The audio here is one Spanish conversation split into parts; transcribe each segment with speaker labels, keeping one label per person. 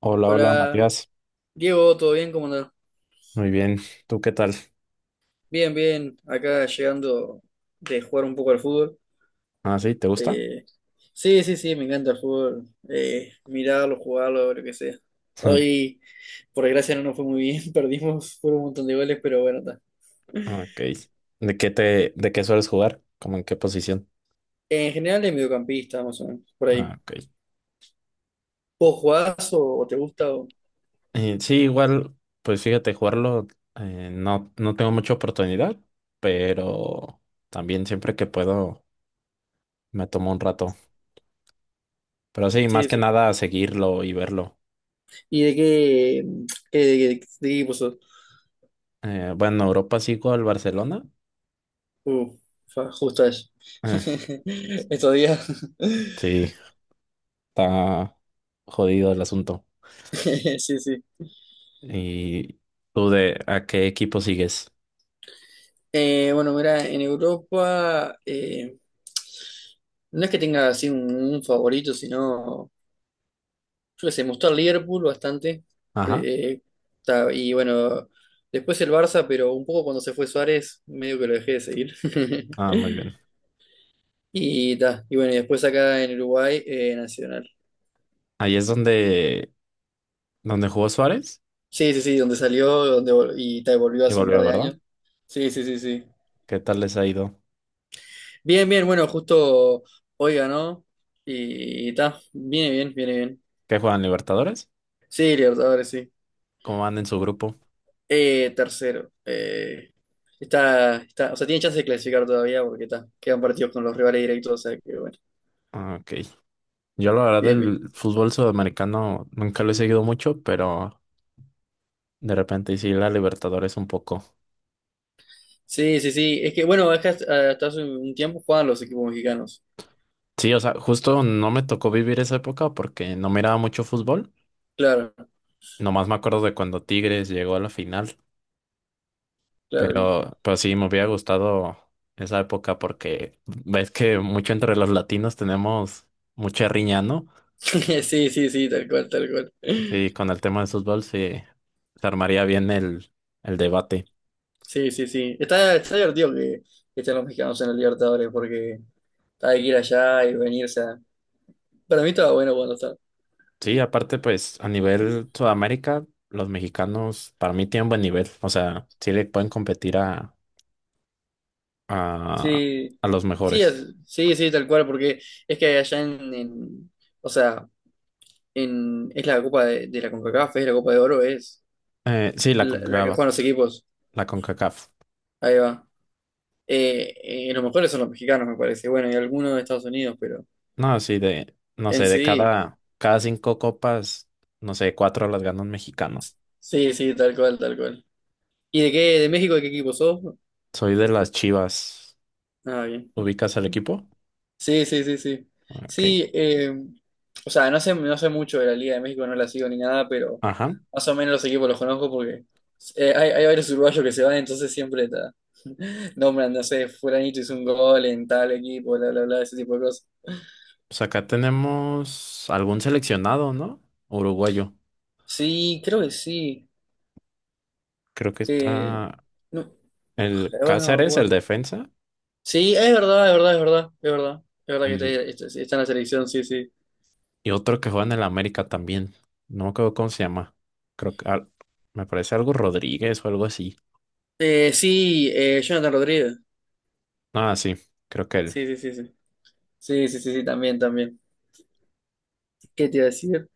Speaker 1: Hola, hola
Speaker 2: Hola,
Speaker 1: Matías.
Speaker 2: Diego, ¿todo bien? ¿Cómo andás?
Speaker 1: Muy bien. ¿Tú qué tal?
Speaker 2: Bien, bien, acá llegando de jugar un poco al fútbol.
Speaker 1: Ah, sí, ¿te gusta?
Speaker 2: Eh, sí, sí, sí, me encanta el fútbol. Mirarlo, jugarlo, lo que sea. Hoy, por desgracia, no nos fue muy bien, perdimos, fueron un montón de goles, pero bueno, está.
Speaker 1: Ok. ¿De qué sueles jugar? ¿Cómo en qué posición?
Speaker 2: En general es mediocampista, más o menos, por
Speaker 1: Ah,
Speaker 2: ahí.
Speaker 1: ok.
Speaker 2: ¿Vos jugás o te gusta?
Speaker 1: Sí, igual, pues fíjate, jugarlo no, no tengo mucha oportunidad, pero también siempre que puedo me tomo un rato. Pero sí, más
Speaker 2: Sí,
Speaker 1: que
Speaker 2: sí.
Speaker 1: nada seguirlo y verlo.
Speaker 2: ¿Y de qué equipo sos?
Speaker 1: Bueno, Europa sigo al Barcelona.
Speaker 2: Uh, justo eso.
Speaker 1: Eh,
Speaker 2: Estos días.
Speaker 1: sí, está jodido el asunto.
Speaker 2: Sí, sí.
Speaker 1: ¿Y tú de a qué equipo sigues?
Speaker 2: Bueno, mira, en Europa no es que tenga así un favorito, sino, yo qué sé, me gustó el Liverpool bastante.
Speaker 1: Ajá.
Speaker 2: Eh, y bueno, después el Barça, pero un poco cuando se fue Suárez, medio que lo dejé de seguir.
Speaker 1: Ah, muy bien.
Speaker 2: Y, ta, y bueno, y después acá en Uruguay, Nacional.
Speaker 1: Ahí es donde jugó Suárez
Speaker 2: Sí, sí, sí, donde y ta, volvió
Speaker 1: y
Speaker 2: hace un par
Speaker 1: volvió,
Speaker 2: de
Speaker 1: ¿verdad?
Speaker 2: años. Sí, sí, sí, sí.
Speaker 1: ¿Qué tal les ha ido?
Speaker 2: Bien, bien, bueno, justo hoy ganó. Y ta, viene bien, viene bien.
Speaker 1: ¿Qué juegan Libertadores?
Speaker 2: Sí, Libertadores, sí.
Speaker 1: ¿Cómo van en su grupo?
Speaker 2: Tercero. Está, está, o sea, tiene chance de clasificar todavía porque está, quedan partidos con los rivales directos, o sea que bueno,
Speaker 1: Ah, ok. Yo la verdad
Speaker 2: bien, bien.
Speaker 1: del fútbol sudamericano nunca lo he seguido mucho, pero de repente sí la Libertadores un poco.
Speaker 2: Sí, sí, sí. Es que bueno, es que hasta hace un tiempo jugaban los equipos mexicanos.
Speaker 1: Sí, o sea, justo no me tocó vivir esa época porque no miraba mucho fútbol.
Speaker 2: Claro,
Speaker 1: Nomás me acuerdo de cuando Tigres llegó a la final.
Speaker 2: claro.
Speaker 1: Pero sí, me hubiera gustado esa época porque ves que mucho entre los latinos tenemos mucha riña, ¿no?
Speaker 2: Sí, sí, sí, tal cual, tal cual.
Speaker 1: Sí, con el tema del fútbol sí, se armaría bien el debate.
Speaker 2: Sí, sí, sí. Está, está divertido que estén los mexicanos en el Libertadores porque hay que ir allá y venirse. Para mí estaba bueno cuando
Speaker 1: Sí, aparte, pues a nivel Sudamérica, los mexicanos para mí tienen buen nivel. O sea, sí le pueden competir a,
Speaker 2: sí,
Speaker 1: a los
Speaker 2: sí,
Speaker 1: mejores.
Speaker 2: sí, sí, tal cual, porque es que allá o sea, en, es la Copa de la CONCACAF, es la Copa de Oro, es
Speaker 1: Sí, la
Speaker 2: la que
Speaker 1: CONCACAF,
Speaker 2: juegan los equipos,
Speaker 1: la CONCACAF.
Speaker 2: ahí va. Eh, los mejores son los mexicanos, me parece, bueno, y algunos de Estados Unidos, pero
Speaker 1: No, sí, no
Speaker 2: en
Speaker 1: sé, de
Speaker 2: sí,
Speaker 1: cada cinco copas, no sé, cuatro las ganó un mexicano.
Speaker 2: sí, sí, tal cual, tal cual. ¿Y de qué, de México, de qué equipo sos?
Speaker 1: Soy de las Chivas.
Speaker 2: Ah, bien.
Speaker 1: ¿Ubicas al equipo?
Speaker 2: Sí, sí, sí, sí.
Speaker 1: Ok.
Speaker 2: Sí, o sea, no sé, no sé mucho de la Liga de México, no la sigo ni nada, pero
Speaker 1: Ajá.
Speaker 2: más o menos los equipos los conozco porque hay varios uruguayos que se van, entonces siempre ta, nombran, no sé, fulanito hizo un gol en tal equipo, bla, bla, bla, ese tipo de cosas.
Speaker 1: Pues acá tenemos algún seleccionado, ¿no? Uruguayo.
Speaker 2: Sí, creo que sí.
Speaker 1: Creo que
Speaker 2: Eh,
Speaker 1: está
Speaker 2: no,
Speaker 1: el
Speaker 2: ahora no me
Speaker 1: Cáceres, el
Speaker 2: acuerdo.
Speaker 1: defensa,
Speaker 2: Sí, es verdad, es verdad, es verdad, es verdad. Es verdad que
Speaker 1: y,
Speaker 2: está en la selección, sí, sí.
Speaker 1: y otro que juega en el América también. No me acuerdo cómo se llama. Creo que me parece algo Rodríguez o algo así.
Speaker 2: Sí, Jonathan Rodríguez.
Speaker 1: Ah, sí, creo que él.
Speaker 2: Sí, sí, sí, sí. Sí, sí, sí, sí, también, también. ¿Qué te iba a decir?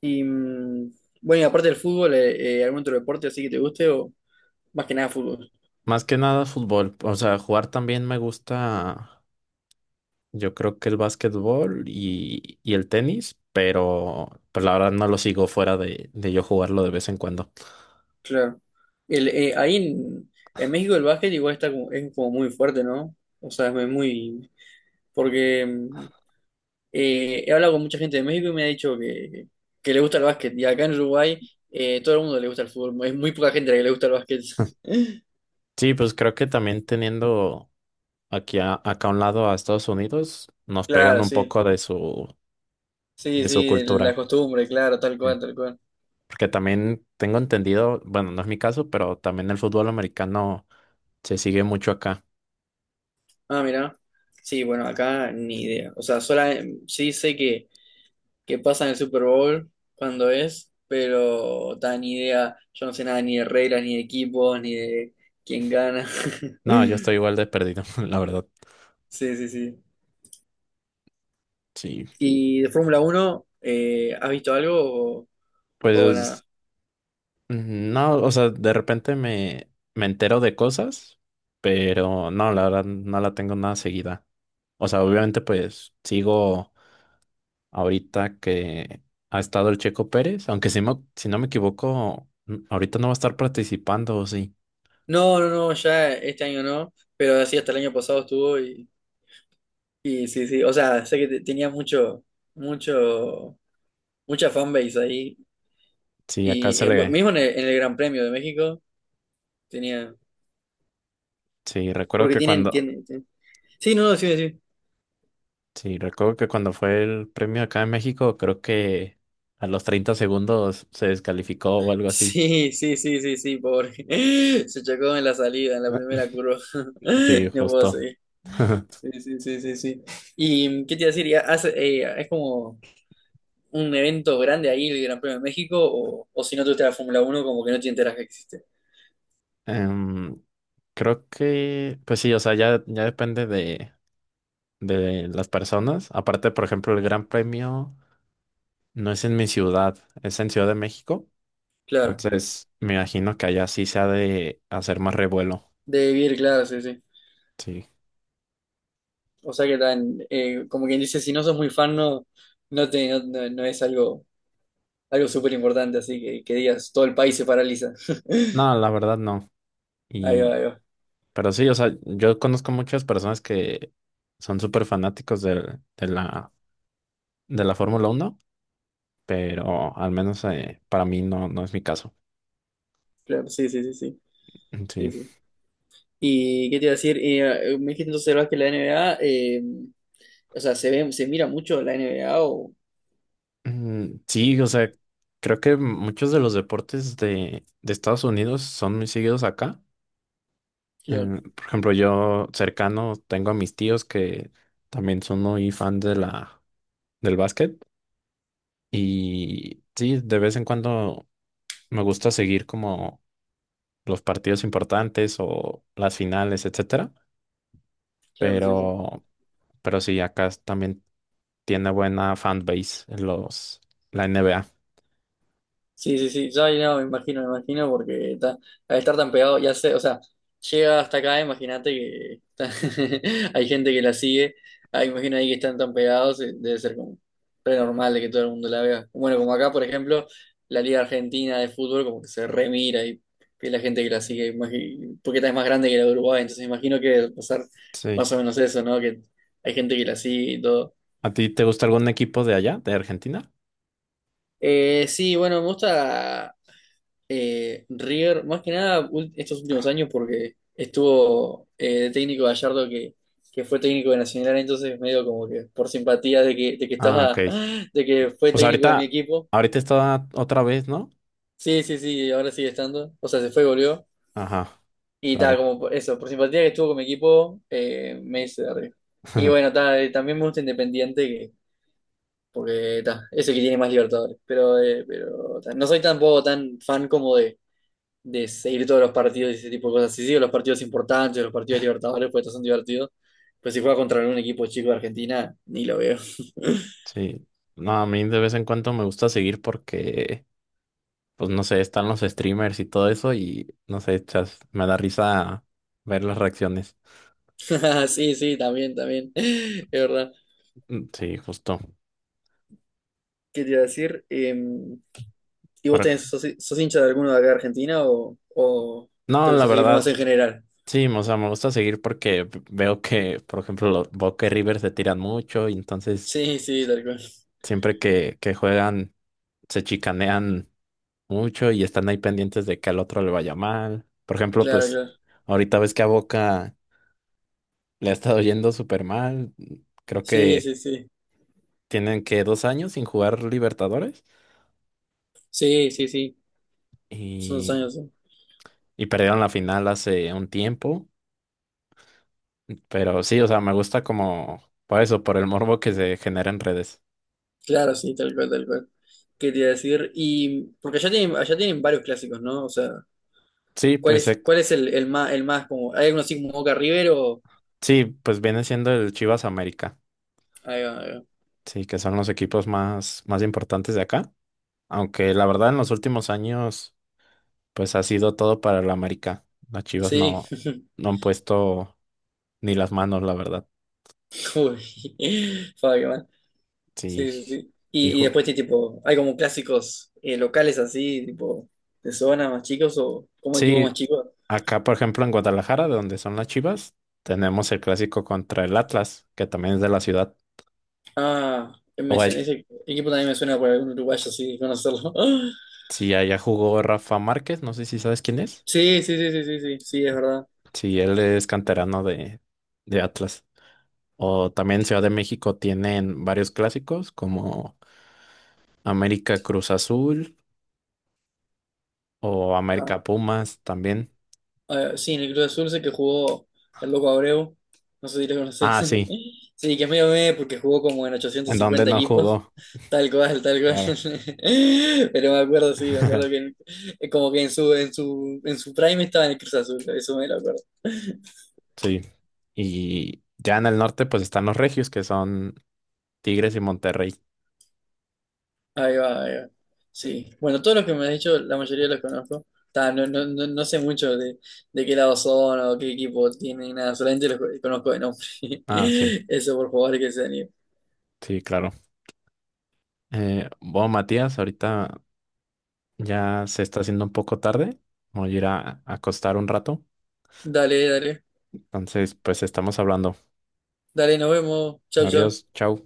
Speaker 2: Y bueno, y aparte del fútbol, ¿algún otro deporte así que te guste o más que nada fútbol?
Speaker 1: Más que nada fútbol. O sea, jugar también me gusta. Yo creo que el básquetbol y el tenis, pero pues la verdad no lo sigo fuera de yo jugarlo de vez en cuando.
Speaker 2: Claro. El, eh, ahí en, en México el básquet igual está como, es como muy fuerte, ¿no? O sea, es muy... Porque he hablado con mucha gente de México y me ha dicho que le gusta el básquet. Y acá en Uruguay todo el mundo le gusta el fútbol. Es muy poca gente a la que le gusta el básquet.
Speaker 1: Sí, pues creo que también teniendo aquí acá a un lado a Estados Unidos, nos pegan
Speaker 2: Claro,
Speaker 1: un
Speaker 2: sí.
Speaker 1: poco de su,
Speaker 2: Sí,
Speaker 1: de su
Speaker 2: sí, la
Speaker 1: cultura.
Speaker 2: costumbre, claro, tal
Speaker 1: Sí.
Speaker 2: cual, tal cual.
Speaker 1: Porque también tengo entendido, bueno, no es mi caso, pero también el fútbol americano. Se sigue mucho acá.
Speaker 2: Ah, mira. Sí, bueno, acá ni idea. O sea, sola, sí sé que pasa en el Super Bowl cuando es, pero tan ni idea. Yo no sé nada ni de reglas, ni de equipos, ni de quién gana.
Speaker 1: No, yo estoy igual de perdido, la verdad.
Speaker 2: Sí, sí, sí.
Speaker 1: Sí.
Speaker 2: ¿Y de Fórmula Uno, has visto algo o
Speaker 1: Pues
Speaker 2: nada?
Speaker 1: no, o sea, de repente me entero de cosas, pero no, la verdad no la tengo nada seguida. O sea, obviamente pues sigo, ahorita que ha estado el Checo Pérez, aunque si no me equivoco, ahorita no va a estar participando, ¿o sí?
Speaker 2: No, no, no, ya este año no, pero sí, hasta el año pasado estuvo y sí, sí. O sea, sé que tenía mucho, mucha fanbase ahí.
Speaker 1: Sí,
Speaker 2: Y bueno, mismo en en el Gran Premio de México tenía.
Speaker 1: sí, recuerdo
Speaker 2: Porque
Speaker 1: que cuando,
Speaker 2: sí, no, no, sí, sí.
Speaker 1: sí, recuerdo que cuando fue el premio acá en México, creo que a los 30 segundos se descalificó o algo así.
Speaker 2: Sí, sí, sí, sí, sí, pobre. Se chocó en la salida, en la
Speaker 1: Ah,
Speaker 2: primera curva.
Speaker 1: sí,
Speaker 2: No puedo
Speaker 1: justo.
Speaker 2: seguir. Sí, sí, sí, sí, sí. ¿Y qué te iba a decir? ¿Y es como un evento grande ahí el Gran Premio de México? O si no te gusta la Fórmula Uno como que no te enteras que existe?
Speaker 1: Em, Creo que, pues sí, o sea, ya depende de las personas. Aparte, por ejemplo, el Gran Premio no es en mi ciudad, es en Ciudad de México.
Speaker 2: Claro.
Speaker 1: Entonces, me imagino que allá sí se ha de hacer más revuelo.
Speaker 2: De vivir, claro, sí, sí.
Speaker 1: Sí.
Speaker 2: O sea que tan, como quien dice, si no sos muy fan, no, no es algo algo súper importante, así que digas, todo el país se paraliza.
Speaker 1: No, la verdad no.
Speaker 2: Ahí
Speaker 1: Y,
Speaker 2: va, ahí va.
Speaker 1: pero sí, o sea, yo conozco muchas personas que son súper fanáticos de la Fórmula 1, pero al menos para mí no, no es mi caso.
Speaker 2: Claro, sí, sí, sí, sí,
Speaker 1: Sí.
Speaker 2: sí, sí. ¿Y qué te iba a decir? Me dijiste entonces, ¿verdad? Que la NBA, o sea, se ve, se mira mucho la NBA o...
Speaker 1: Sí, o sea, creo que muchos de los deportes de Estados Unidos son muy seguidos acá.
Speaker 2: Claro,
Speaker 1: Por ejemplo, yo cercano tengo a mis tíos que también son muy fan del básquet. Y sí, de vez en cuando me gusta seguir como los partidos importantes o las finales, etcétera.
Speaker 2: claro, sí, sí.
Speaker 1: Pero, pero sí, acá también tiene buena fanbase en la NBA.
Speaker 2: Sí, sí, sí, ya no, me imagino, porque ta- al estar tan pegado, ya sé, o sea, llega hasta acá, imagínate que ta- hay gente que la sigue, ah, imagino ahí que están tan pegados, debe ser como re normal de que todo el mundo la vea. Bueno, como acá, por ejemplo, la Liga Argentina de Fútbol como que se remira y que la gente que la sigue, porque esta es más grande que la de Uruguay, entonces imagino que debe pasar
Speaker 1: Sí.
Speaker 2: más o menos eso, ¿no? Que hay gente que la sigue y todo.
Speaker 1: ¿A ti te gusta algún equipo de allá, de Argentina?
Speaker 2: Sí, bueno, me gusta. River, más que nada estos últimos años, porque estuvo de técnico Gallardo que fue técnico de Nacional, entonces medio como que por simpatía de que
Speaker 1: Ah, ok.
Speaker 2: estaba, de que fue
Speaker 1: Pues
Speaker 2: técnico de mi
Speaker 1: ahorita,
Speaker 2: equipo.
Speaker 1: ahorita está otra vez, ¿no?
Speaker 2: Sí, sí, sí, ahora sigue estando. O sea, se fue, volvió.
Speaker 1: Ajá,
Speaker 2: Y tal,
Speaker 1: claro.
Speaker 2: como eso, por simpatía que estuvo con mi equipo, me hice de River. Y bueno, ta, también me gusta Independiente, que, porque ta, es el que tiene más Libertadores. Pero ta, no soy tampoco tan fan como de seguir todos los partidos y ese tipo de cosas. Si sigo los partidos importantes, los partidos libertadores, pues estos son divertidos. Pero si juega contra un equipo chico de Argentina, ni lo veo.
Speaker 1: Sí. No, a mí de vez en cuando me gusta seguir porque pues no sé, están los streamers y todo eso y no sé, chas, me da risa ver las reacciones.
Speaker 2: Sí, sí, también, también. Es verdad.
Speaker 1: Sí, justo.
Speaker 2: ¿Qué te iba a decir? ¿Y
Speaker 1: Por
Speaker 2: vos
Speaker 1: ej-
Speaker 2: tenés, sos hincha de alguno de acá de Argentina o te
Speaker 1: no, la
Speaker 2: gusta seguirlo más
Speaker 1: verdad,
Speaker 2: en general?
Speaker 1: sí, o sea, me gusta seguir porque veo que, por ejemplo, los Boca y River se tiran mucho y entonces
Speaker 2: Sí, sí, tal cual.
Speaker 1: siempre que juegan se chicanean mucho y están ahí pendientes de que al otro le vaya mal. Por ejemplo,
Speaker 2: Claro,
Speaker 1: pues
Speaker 2: claro.
Speaker 1: ahorita ves que a Boca le ha estado yendo súper mal. Creo
Speaker 2: Sí,
Speaker 1: que
Speaker 2: sí, sí.
Speaker 1: tienen que 2 años sin jugar Libertadores.
Speaker 2: Sí, sí, sí. Son dos
Speaker 1: Y
Speaker 2: años, sí.
Speaker 1: y perdieron la final hace un tiempo, pero sí, o sea, me gusta como por eso, por el morbo que se genera en redes.
Speaker 2: Claro, sí, tal cual, tal cual. ¿Qué te iba a decir? Y porque allá tienen varios clásicos, ¿no? O sea,
Speaker 1: Sí,
Speaker 2: ¿cuál
Speaker 1: pues
Speaker 2: es,
Speaker 1: eh,
Speaker 2: cuál es el más como, hay algunos así como Boca River o,
Speaker 1: sí, pues viene siendo el Chivas América,
Speaker 2: ahí va, ahí va.
Speaker 1: sí, que son los equipos más importantes de acá, aunque la verdad en los últimos años pues ha sido todo para el América. Las Chivas
Speaker 2: Sí,
Speaker 1: no no han puesto ni las manos, la verdad.
Speaker 2: uy, Fabio, qué mal.
Speaker 1: Sí.
Speaker 2: Sí, sí, sí.
Speaker 1: Y
Speaker 2: Y
Speaker 1: ju-
Speaker 2: después sí, tipo, hay como clásicos locales así, tipo, de zona más chicos o como equipos más
Speaker 1: Sí,
Speaker 2: chicos.
Speaker 1: acá por ejemplo en Guadalajara, de donde son las Chivas, tenemos el clásico contra el Atlas, que también es de la ciudad.
Speaker 2: Ah,
Speaker 1: O hay-
Speaker 2: ese equipo también me suena por algún uruguayo así, de conocerlo.
Speaker 1: si allá jugó Rafa Márquez, no sé si sabes quién es.
Speaker 2: Sí, sí, sí, sí, sí, sí, sí, es verdad.
Speaker 1: Si él es canterano de Atlas. O también Ciudad de México tienen varios clásicos como América Cruz Azul o
Speaker 2: Ah,
Speaker 1: América Pumas también.
Speaker 2: ah, sí, en el Club Azul sé que jugó el Loco Abreu, no sé si lo conocés.
Speaker 1: Ah, sí,
Speaker 2: Sí, que es medio meh porque jugó como en
Speaker 1: en donde
Speaker 2: 850
Speaker 1: no
Speaker 2: equipos.
Speaker 1: jugó,
Speaker 2: Tal cual, tal cual.
Speaker 1: claro.
Speaker 2: Pero me acuerdo, sí, me acuerdo que como que en en su prime estaba en el Cruz Azul, eso me lo acuerdo.
Speaker 1: Sí. Y ya en el norte pues están los regios, que son Tigres y Monterrey.
Speaker 2: Ahí va, ahí va. Sí. Bueno, todos los que me has dicho, la mayoría los conozco. Ta, no sé mucho de qué lado son o qué equipo tienen, ni nada, solamente los conozco de nombre.
Speaker 1: Ah, sí,
Speaker 2: Eso por favor que se anime.
Speaker 1: sí, claro. Bueno, Matías, ahorita ya se está haciendo un poco tarde. Voy a ir a acostar un rato.
Speaker 2: Dale, dale.
Speaker 1: Entonces, pues estamos hablando.
Speaker 2: Dale, nos vemos. Chau,
Speaker 1: Adiós,
Speaker 2: chau.
Speaker 1: chao.